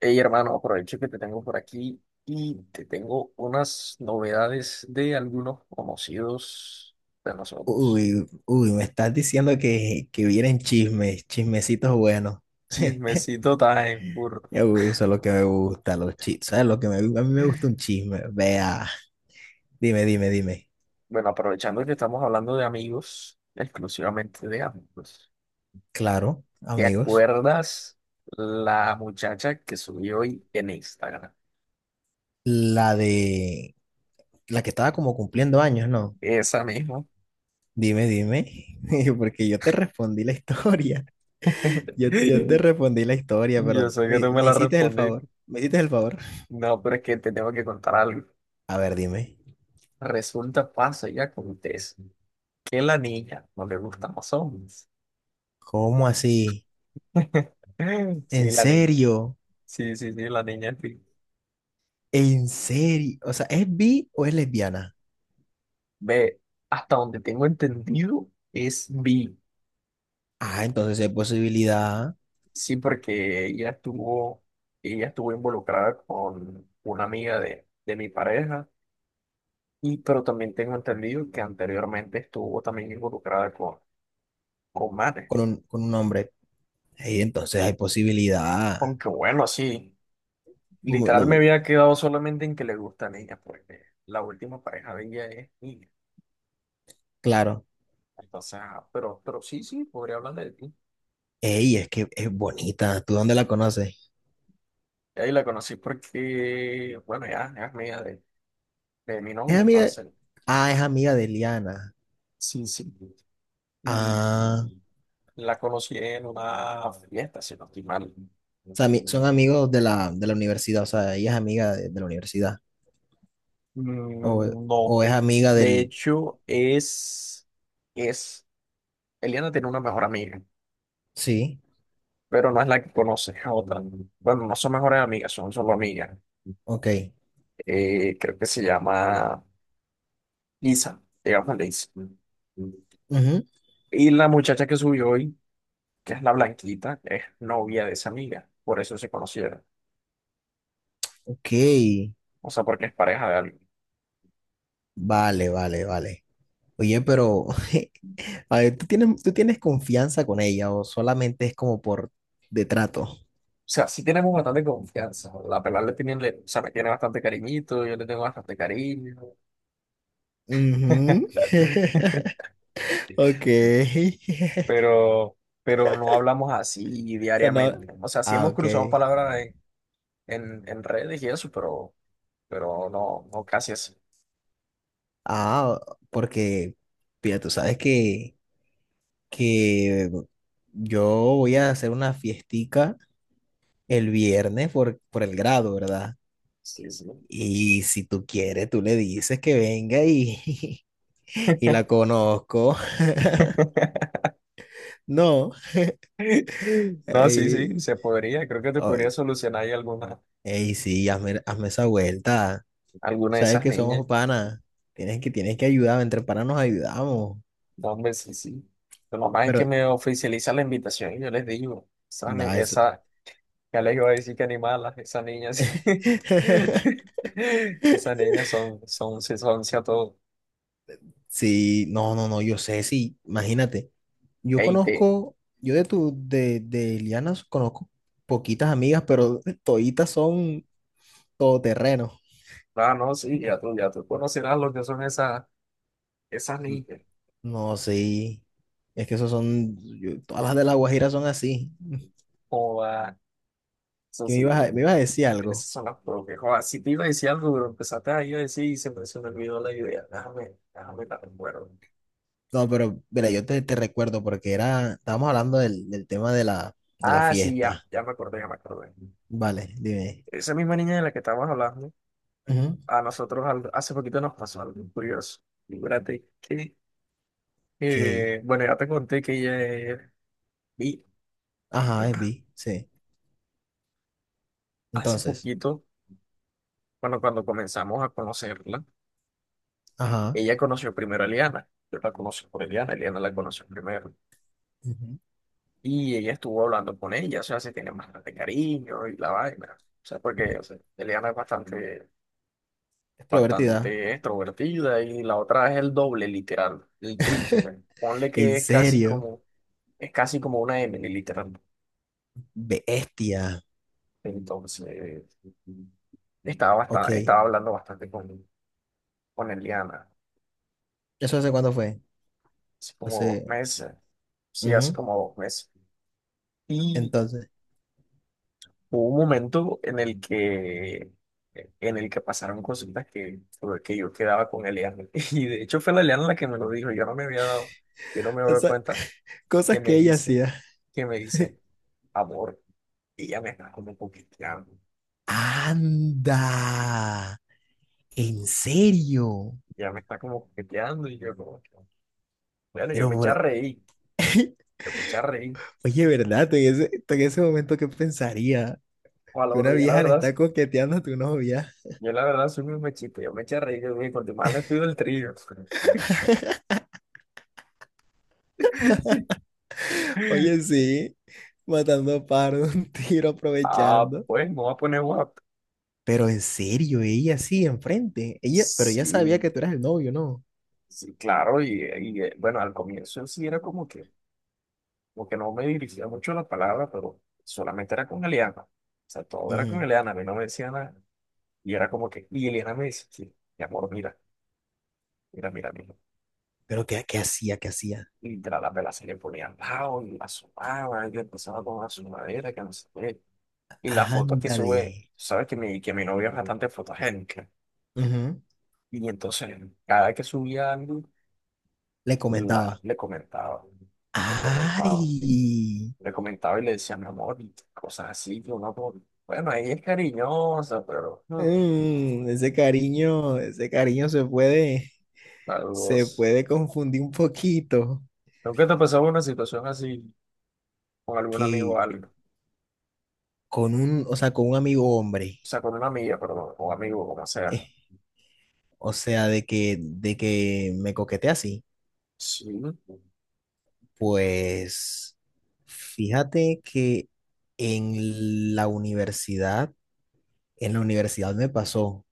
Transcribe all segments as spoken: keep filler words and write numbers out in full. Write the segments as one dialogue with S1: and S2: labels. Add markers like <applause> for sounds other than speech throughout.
S1: Hey, hermano, aprovecho que te tengo por aquí y te tengo unas novedades de algunos conocidos de nosotros.
S2: Uy, uy, me estás diciendo que, que vienen chismes, chismecitos buenos.
S1: <laughs>
S2: <laughs>
S1: Chismecito time, burro.
S2: Uy, eso es lo que me gusta, los chismes. ¿Sabes lo que me, a mí me gusta un chisme? Vea, dime, dime, dime.
S1: Bueno, aprovechando que estamos hablando de amigos, exclusivamente de amigos.
S2: Claro,
S1: ¿Te
S2: amigos,
S1: acuerdas la muchacha que subí hoy en Instagram?
S2: la de la que estaba como cumpliendo años, ¿no?
S1: Esa misma.
S2: Dime, dime, <laughs> porque yo te respondí la historia. <laughs>
S1: <laughs>
S2: Yo, yo te respondí la historia,
S1: Yo
S2: pero
S1: sé que
S2: me,
S1: tú me
S2: me
S1: la
S2: hiciste el favor,
S1: respondiste.
S2: me hiciste el favor.
S1: No, pero es que te tengo que contar algo.
S2: A ver, dime,
S1: Resulta, pasa y acontece. Que la niña, no le gustan los hombres.
S2: ¿cómo así?
S1: <laughs> Sí,
S2: ¿En
S1: la niña.
S2: serio?
S1: Sí, sí, sí, la niña, en fin.
S2: En serio, o sea, ¿es bi o es lesbiana?
S1: Ve, hasta donde tengo entendido es bi.
S2: Ah, entonces hay posibilidad
S1: Sí, porque ella estuvo, ella estuvo involucrada con una amiga de, de mi pareja. Y, pero también tengo entendido que anteriormente estuvo también involucrada con, con manes.
S2: con un, con un hombre. Ey, entonces hay posibilidad.
S1: Aunque bueno, sí,
S2: Mu- no,
S1: literal me había quedado solamente en que le gusta a ella, porque la última pareja de ella es niña.
S2: claro.
S1: Entonces, ah, pero, pero sí, sí, podría hablar de ti.
S2: Ey, es que es bonita. ¿Tú dónde la conoces?
S1: Y ahí la conocí porque, bueno, ya, ya es mía de, de mi
S2: Es
S1: novia,
S2: amiga.
S1: entonces.
S2: Ah, es amiga de Liana.
S1: Sí, sí. Y
S2: Ah, o
S1: la conocí en una fiesta, si no estoy mal.
S2: sea, ami-
S1: Mm,
S2: son amigos de la, de la universidad. O sea, ella es amiga de, de la universidad. O,
S1: no.
S2: o es amiga
S1: De
S2: del.
S1: hecho, es, es, Eliana tiene una mejor amiga,
S2: Sí,
S1: pero no es la que conoce, es otra. Bueno, no son mejores amigas, son solo amigas.
S2: ok.
S1: Eh, creo que se llama Lisa, digamos Lisa.
S2: Ujú,
S1: Y la muchacha que subió hoy, que es la blanquita, es novia de esa amiga. Por eso se conocieron.
S2: ok.
S1: O sea, porque es pareja de alguien.
S2: Vale, vale, vale. Oye, pero. <laughs> A ver, ¿tú tienes, tú tienes confianza con ella o solamente es como por de trato?
S1: O sea, sí tenemos bastante confianza. La pelada le tiene, le- o sea, me tiene bastante cariñito, yo le tengo bastante cariño.
S2: Ujú. <laughs>
S1: <laughs>
S2: Ok. <laughs>
S1: Pero, pero no hablamos así
S2: O sea, no-
S1: diariamente. O sea, sí
S2: Ah,
S1: hemos
S2: ok.
S1: cruzado palabras en, en, en redes y eso, pero, pero no, no casi así.
S2: Ah, porque, mira, tú sabes que, que yo voy a hacer una fiestica el viernes por, por el grado, ¿verdad?
S1: Sí, sí.
S2: Y si tú quieres, tú le dices que venga y <laughs> y la conozco. <laughs>
S1: <laughs>
S2: No.
S1: No, sí,
S2: Ey,
S1: sí, se podría. Creo que te podría
S2: ay,
S1: solucionar ahí alguna,
S2: ey, sí, hazme, hazme esa vuelta.
S1: alguna de
S2: Sabes
S1: esas
S2: que
S1: niñas.
S2: somos panas. Tienes que, tienes que ayudar, entre panas nos ayudamos.
S1: No, hombre, sí, sí. Lo normal es
S2: Pero,
S1: que me oficializa la invitación y yo les digo, esa, ni-
S2: da eso.
S1: esa, ya les iba a decir que animalas, esas niñas,
S2: <laughs>
S1: <laughs> esas niñas son, son, se son, a todo.
S2: Sí, no, no, no, yo sé, sí, imagínate. Yo
S1: Ey, te,
S2: conozco, yo de tu, de, de Liana conozco poquitas amigas, pero toditas son todoterreno.
S1: ah, no, sí, ya tú, ya tú conocerás lo que son esas, esas
S2: N-
S1: niñas.
S2: No, sí. Es que esos son, yo- todas las de La Guajira son así. <laughs>
S1: Joda, eso
S2: Que me
S1: sí,
S2: ibas a, me
S1: eh,
S2: ibas a decir algo.
S1: esas son las propias. Joda, si te iba a decir algo, pero empezaste ahí a decir y se me, se me olvidó la idea. Déjame, déjame la recuerdo.
S2: No, pero mira, yo te, te recuerdo porque era, estábamos hablando del, del tema de la, de la
S1: Ah, sí, ya,
S2: fiesta.
S1: ya me acordé, ya me acordé.
S2: Vale, dime.
S1: Esa misma niña de la que estamos hablando,
S2: Ujú.
S1: a nosotros al- hace poquito nos pasó algo curioso. Fíjate que,
S2: K.
S1: eh, bueno, ya te conté que ella es bi.
S2: Ajá, es B. Sí.
S1: Hace
S2: Entonces,
S1: poquito, bueno, cuando comenzamos a conocerla,
S2: ajá.
S1: ella conoció primero a Eliana. Yo la conocí por Eliana, Eliana la conoció primero.
S2: Ujú.
S1: Y ella estuvo hablando con ella, o sea, se tiene bastante cariño y la vaina. O sea, porque o sea, Eliana es bastante,
S2: Extrovertida.
S1: bastante extrovertida y la otra es el doble, literal, el triple. Ponle
S2: ¿En
S1: que es casi
S2: serio?
S1: como... Es casi como una m literal.
S2: Bestia.
S1: Entonces, estaba,
S2: Ok.
S1: bastante, estaba hablando bastante con, con Eliana,
S2: ¿Eso hace cuándo fue?
S1: hace como dos
S2: Hace.
S1: meses. Sí, hace
S2: Ujú.
S1: como dos meses. Y
S2: Entonces,
S1: hubo un momento en el que, en el que pasaron cositas que, que yo quedaba con Eliana. <laughs> Y de hecho fue la Eliana la que me lo dijo. Yo no me había dado, yo no me había
S2: o
S1: dado
S2: sea,
S1: cuenta
S2: <laughs>
S1: que
S2: cosas
S1: me
S2: que ella
S1: dice,
S2: hacía.
S1: que me dice,
S2: <laughs>
S1: amor, ella me está como coqueteando.
S2: Anda. ¿En serio?
S1: Ella me está como coqueteando y yo como... Bueno, yo
S2: Pero
S1: me eché a
S2: por.
S1: reír,
S2: <laughs>
S1: yo me eché a reír.
S2: Oye, ¿verdad? Tú en ese, tú en ese momento, ¿qué pensaría?
S1: Ojalá,
S2: Que una
S1: bro, yo la
S2: vieja le
S1: verdad,
S2: está coqueteando a tu novia.
S1: yo la verdad soy muy mechito, yo me eché a reír, yo dije, cuanto más le pido el trío.
S2: Oye,
S1: <laughs>
S2: sí, matando pájaros de un tiro,
S1: Ah,
S2: aprovechando.
S1: pues me voy a poner guapo.
S2: Pero en serio, ella sí, enfrente. Ella, pero ella
S1: Sí,
S2: sabía que tú eras el novio, ¿no?
S1: sí, claro, y, y, eh, bueno, al comienzo sí era como que, como que no me dirigía mucho la palabra, pero solamente era con Eliana. O sea, todo era con
S2: Ujú.
S1: Eliana, a mí no me decía nada. Y era como que, y Eliana me decía, sí, mi amor, mira, mira, mira, mira.
S2: Pero ¿qué, qué hacía? ¿Qué hacía?
S1: Y de la, la vela se le ponía al lado y la asomaba y empezaba con la sumadera, que no sé qué. Y las fotos que
S2: Ándale.
S1: sube, sabes que mi, que mi novia es bastante fotogénica.
S2: Ujú.
S1: Y entonces, cada vez que subía algo,
S2: Le
S1: la-
S2: comentaba.
S1: le comentaba, le comentaba,
S2: ¡Ay!
S1: le comentaba y le decía, mi amor, y cosas así, que uno, como, bueno, ella es cariñosa, pero hmm,
S2: Mm, ese cariño, ese cariño se puede, se
S1: vos...
S2: puede confundir un poquito
S1: ¿Nunca te ha pasado una situación así con algún amigo o
S2: que
S1: algo? O
S2: con un, o sea, con un amigo hombre.
S1: sea, con una amiga, perdón, o amigo, como sea.
S2: Eh, o sea, de que, de que me coquetea así.
S1: Sí.
S2: Pues fíjate que en la universidad, en la universidad me pasó,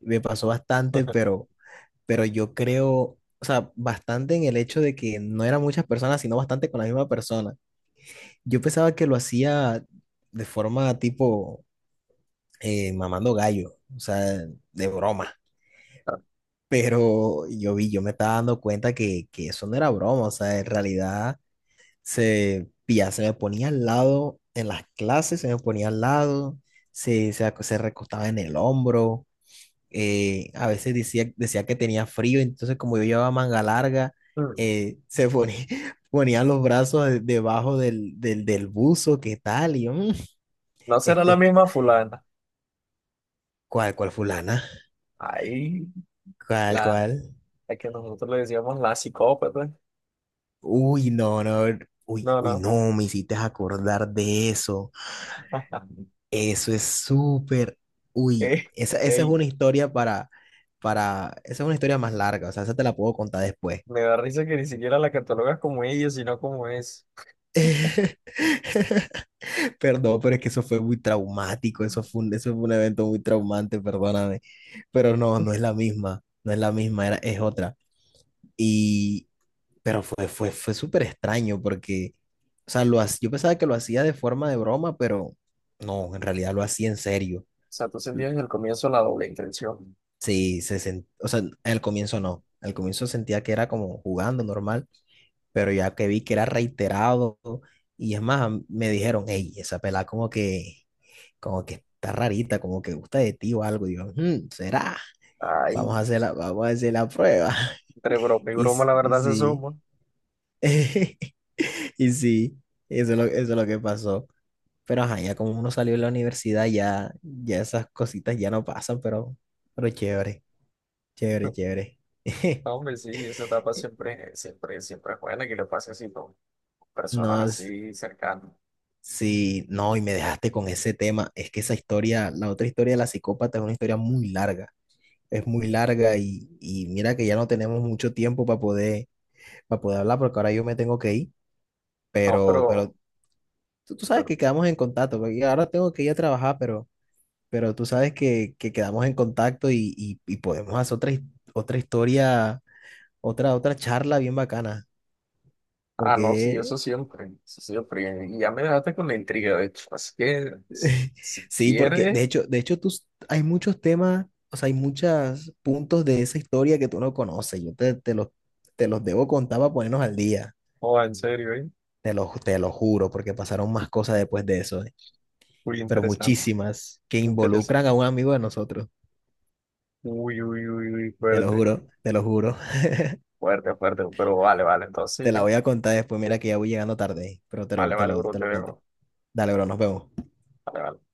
S2: me pasó bastante,
S1: <laughs>
S2: pero, pero yo creo, o sea, bastante en el hecho de que no eran muchas personas, sino bastante con la misma persona. Yo pensaba que lo hacía de forma tipo eh, mamando gallo, o sea, de broma. Pero yo vi, yo me estaba dando cuenta que, que eso no era broma, o sea, en realidad se, pilla, se me ponía al lado en las clases, se me ponía al lado, se, se, ac- se recostaba en el hombro, eh, a veces decía, decía que tenía frío, entonces como yo llevaba manga larga,
S1: Hmm,
S2: eh, se ponía, <laughs> ponía los brazos de- debajo del, del, del buzo, ¿qué tal? Y yo, "Mm,
S1: no será la
S2: este,
S1: misma fulana.
S2: ¿cuál, cuál fulana?
S1: Ahí,
S2: ¿Cuál,
S1: la,
S2: cuál?
S1: a que nosotros le decíamos la psicópata.
S2: Uy, no, no, uy,
S1: No,
S2: uy,
S1: no.
S2: no, me hiciste acordar de eso.
S1: <laughs>
S2: Eso es súper, uy,
S1: Ey,
S2: esa, esa es
S1: ey,
S2: una historia para, para, esa es una historia más larga, o sea, esa te la puedo contar después.
S1: me da risa que ni siquiera la catalogas como ella, sino como es.
S2: <laughs> Perdón, pero es que eso fue muy traumático, eso fue un, eso fue un evento muy traumante, perdóname, pero no, no es la misma, no es la misma, era, es otra. Y, pero fue, fue, fue súper extraño porque, o sea, lo, ha- yo pensaba que lo hacía de forma de broma, pero no, en realidad lo hacía en serio.
S1: O sea, tú sentías desde el comienzo la doble intención.
S2: Sí, se sent- o sea, al comienzo no. Al comienzo sentía que era como jugando normal, pero ya que vi que era reiterado, y es más, am- me dijeron, hey, esa pelada como que, como que está rarita, como que gusta de ti o algo. Y yo, "Mm, ¿será? Vamos
S1: Ay,
S2: a hacer la, vamos a hacer la prueba. <laughs>
S1: entre broma y
S2: Y,
S1: broma,
S2: s-
S1: la
S2: y
S1: verdad se
S2: sí,
S1: suma.
S2: <laughs> y sí, eso es lo, eso es lo que pasó. Pero ajá, ya como uno salió de la universidad, ya, ya esas cositas ya no pasan, pero, pero chévere, chévere,
S1: <laughs>
S2: chévere.
S1: No,
S2: <laughs>
S1: hombre, sí, esa etapa siempre, siempre, siempre es buena que le pase así, ¿no? Con
S2: No,
S1: personas
S2: es-
S1: así cercanas.
S2: sí, no, y me dejaste con ese tema. Es que esa historia, la otra historia de la psicópata es una historia muy larga. Es muy larga y, y mira que ya no tenemos mucho tiempo para poder, para poder hablar porque ahora yo me tengo que ir,
S1: No,
S2: pero,
S1: pero,
S2: pero tú, tú sabes
S1: pero-
S2: que quedamos en contacto. Porque ahora tengo que ir a trabajar, pero, pero tú sabes que, que quedamos en contacto y, y, y podemos hacer otra, his- otra historia, otra, otra charla bien bacana,
S1: ah, no, sí,
S2: porque
S1: eso siempre, eso siempre. Y ya me dejaste con la intriga, de hecho. Así que, si
S2: <laughs>
S1: si
S2: sí, porque de
S1: quieres,
S2: hecho, de hecho tú, s- hay muchos temas, o sea, hay muchos puntos de esa historia que tú no conoces. Yo te, te los, te los debo contar para ponernos al día.
S1: o en serio, ¿eh?
S2: Te lo, te lo juro, porque pasaron más cosas después de eso, ¿eh?
S1: Muy
S2: Pero
S1: interesante.
S2: muchísimas que involucran a
S1: Interesante.
S2: un amigo de nosotros.
S1: Uy, uy, uy, uy,
S2: Te lo
S1: fuerte.
S2: juro, te lo juro. <laughs>
S1: Fuerte, fuerte. Pero vale, vale.
S2: Te
S1: Entonces,
S2: la
S1: sí.
S2: voy a contar después. Mira que ya voy llegando tarde, ¿eh? Pero te
S1: Vale,
S2: lo, te
S1: vale,
S2: lo,
S1: bro,
S2: te
S1: te
S2: lo cuento.
S1: dejo.
S2: Dale, bro, nos vemos.
S1: Vale, vale.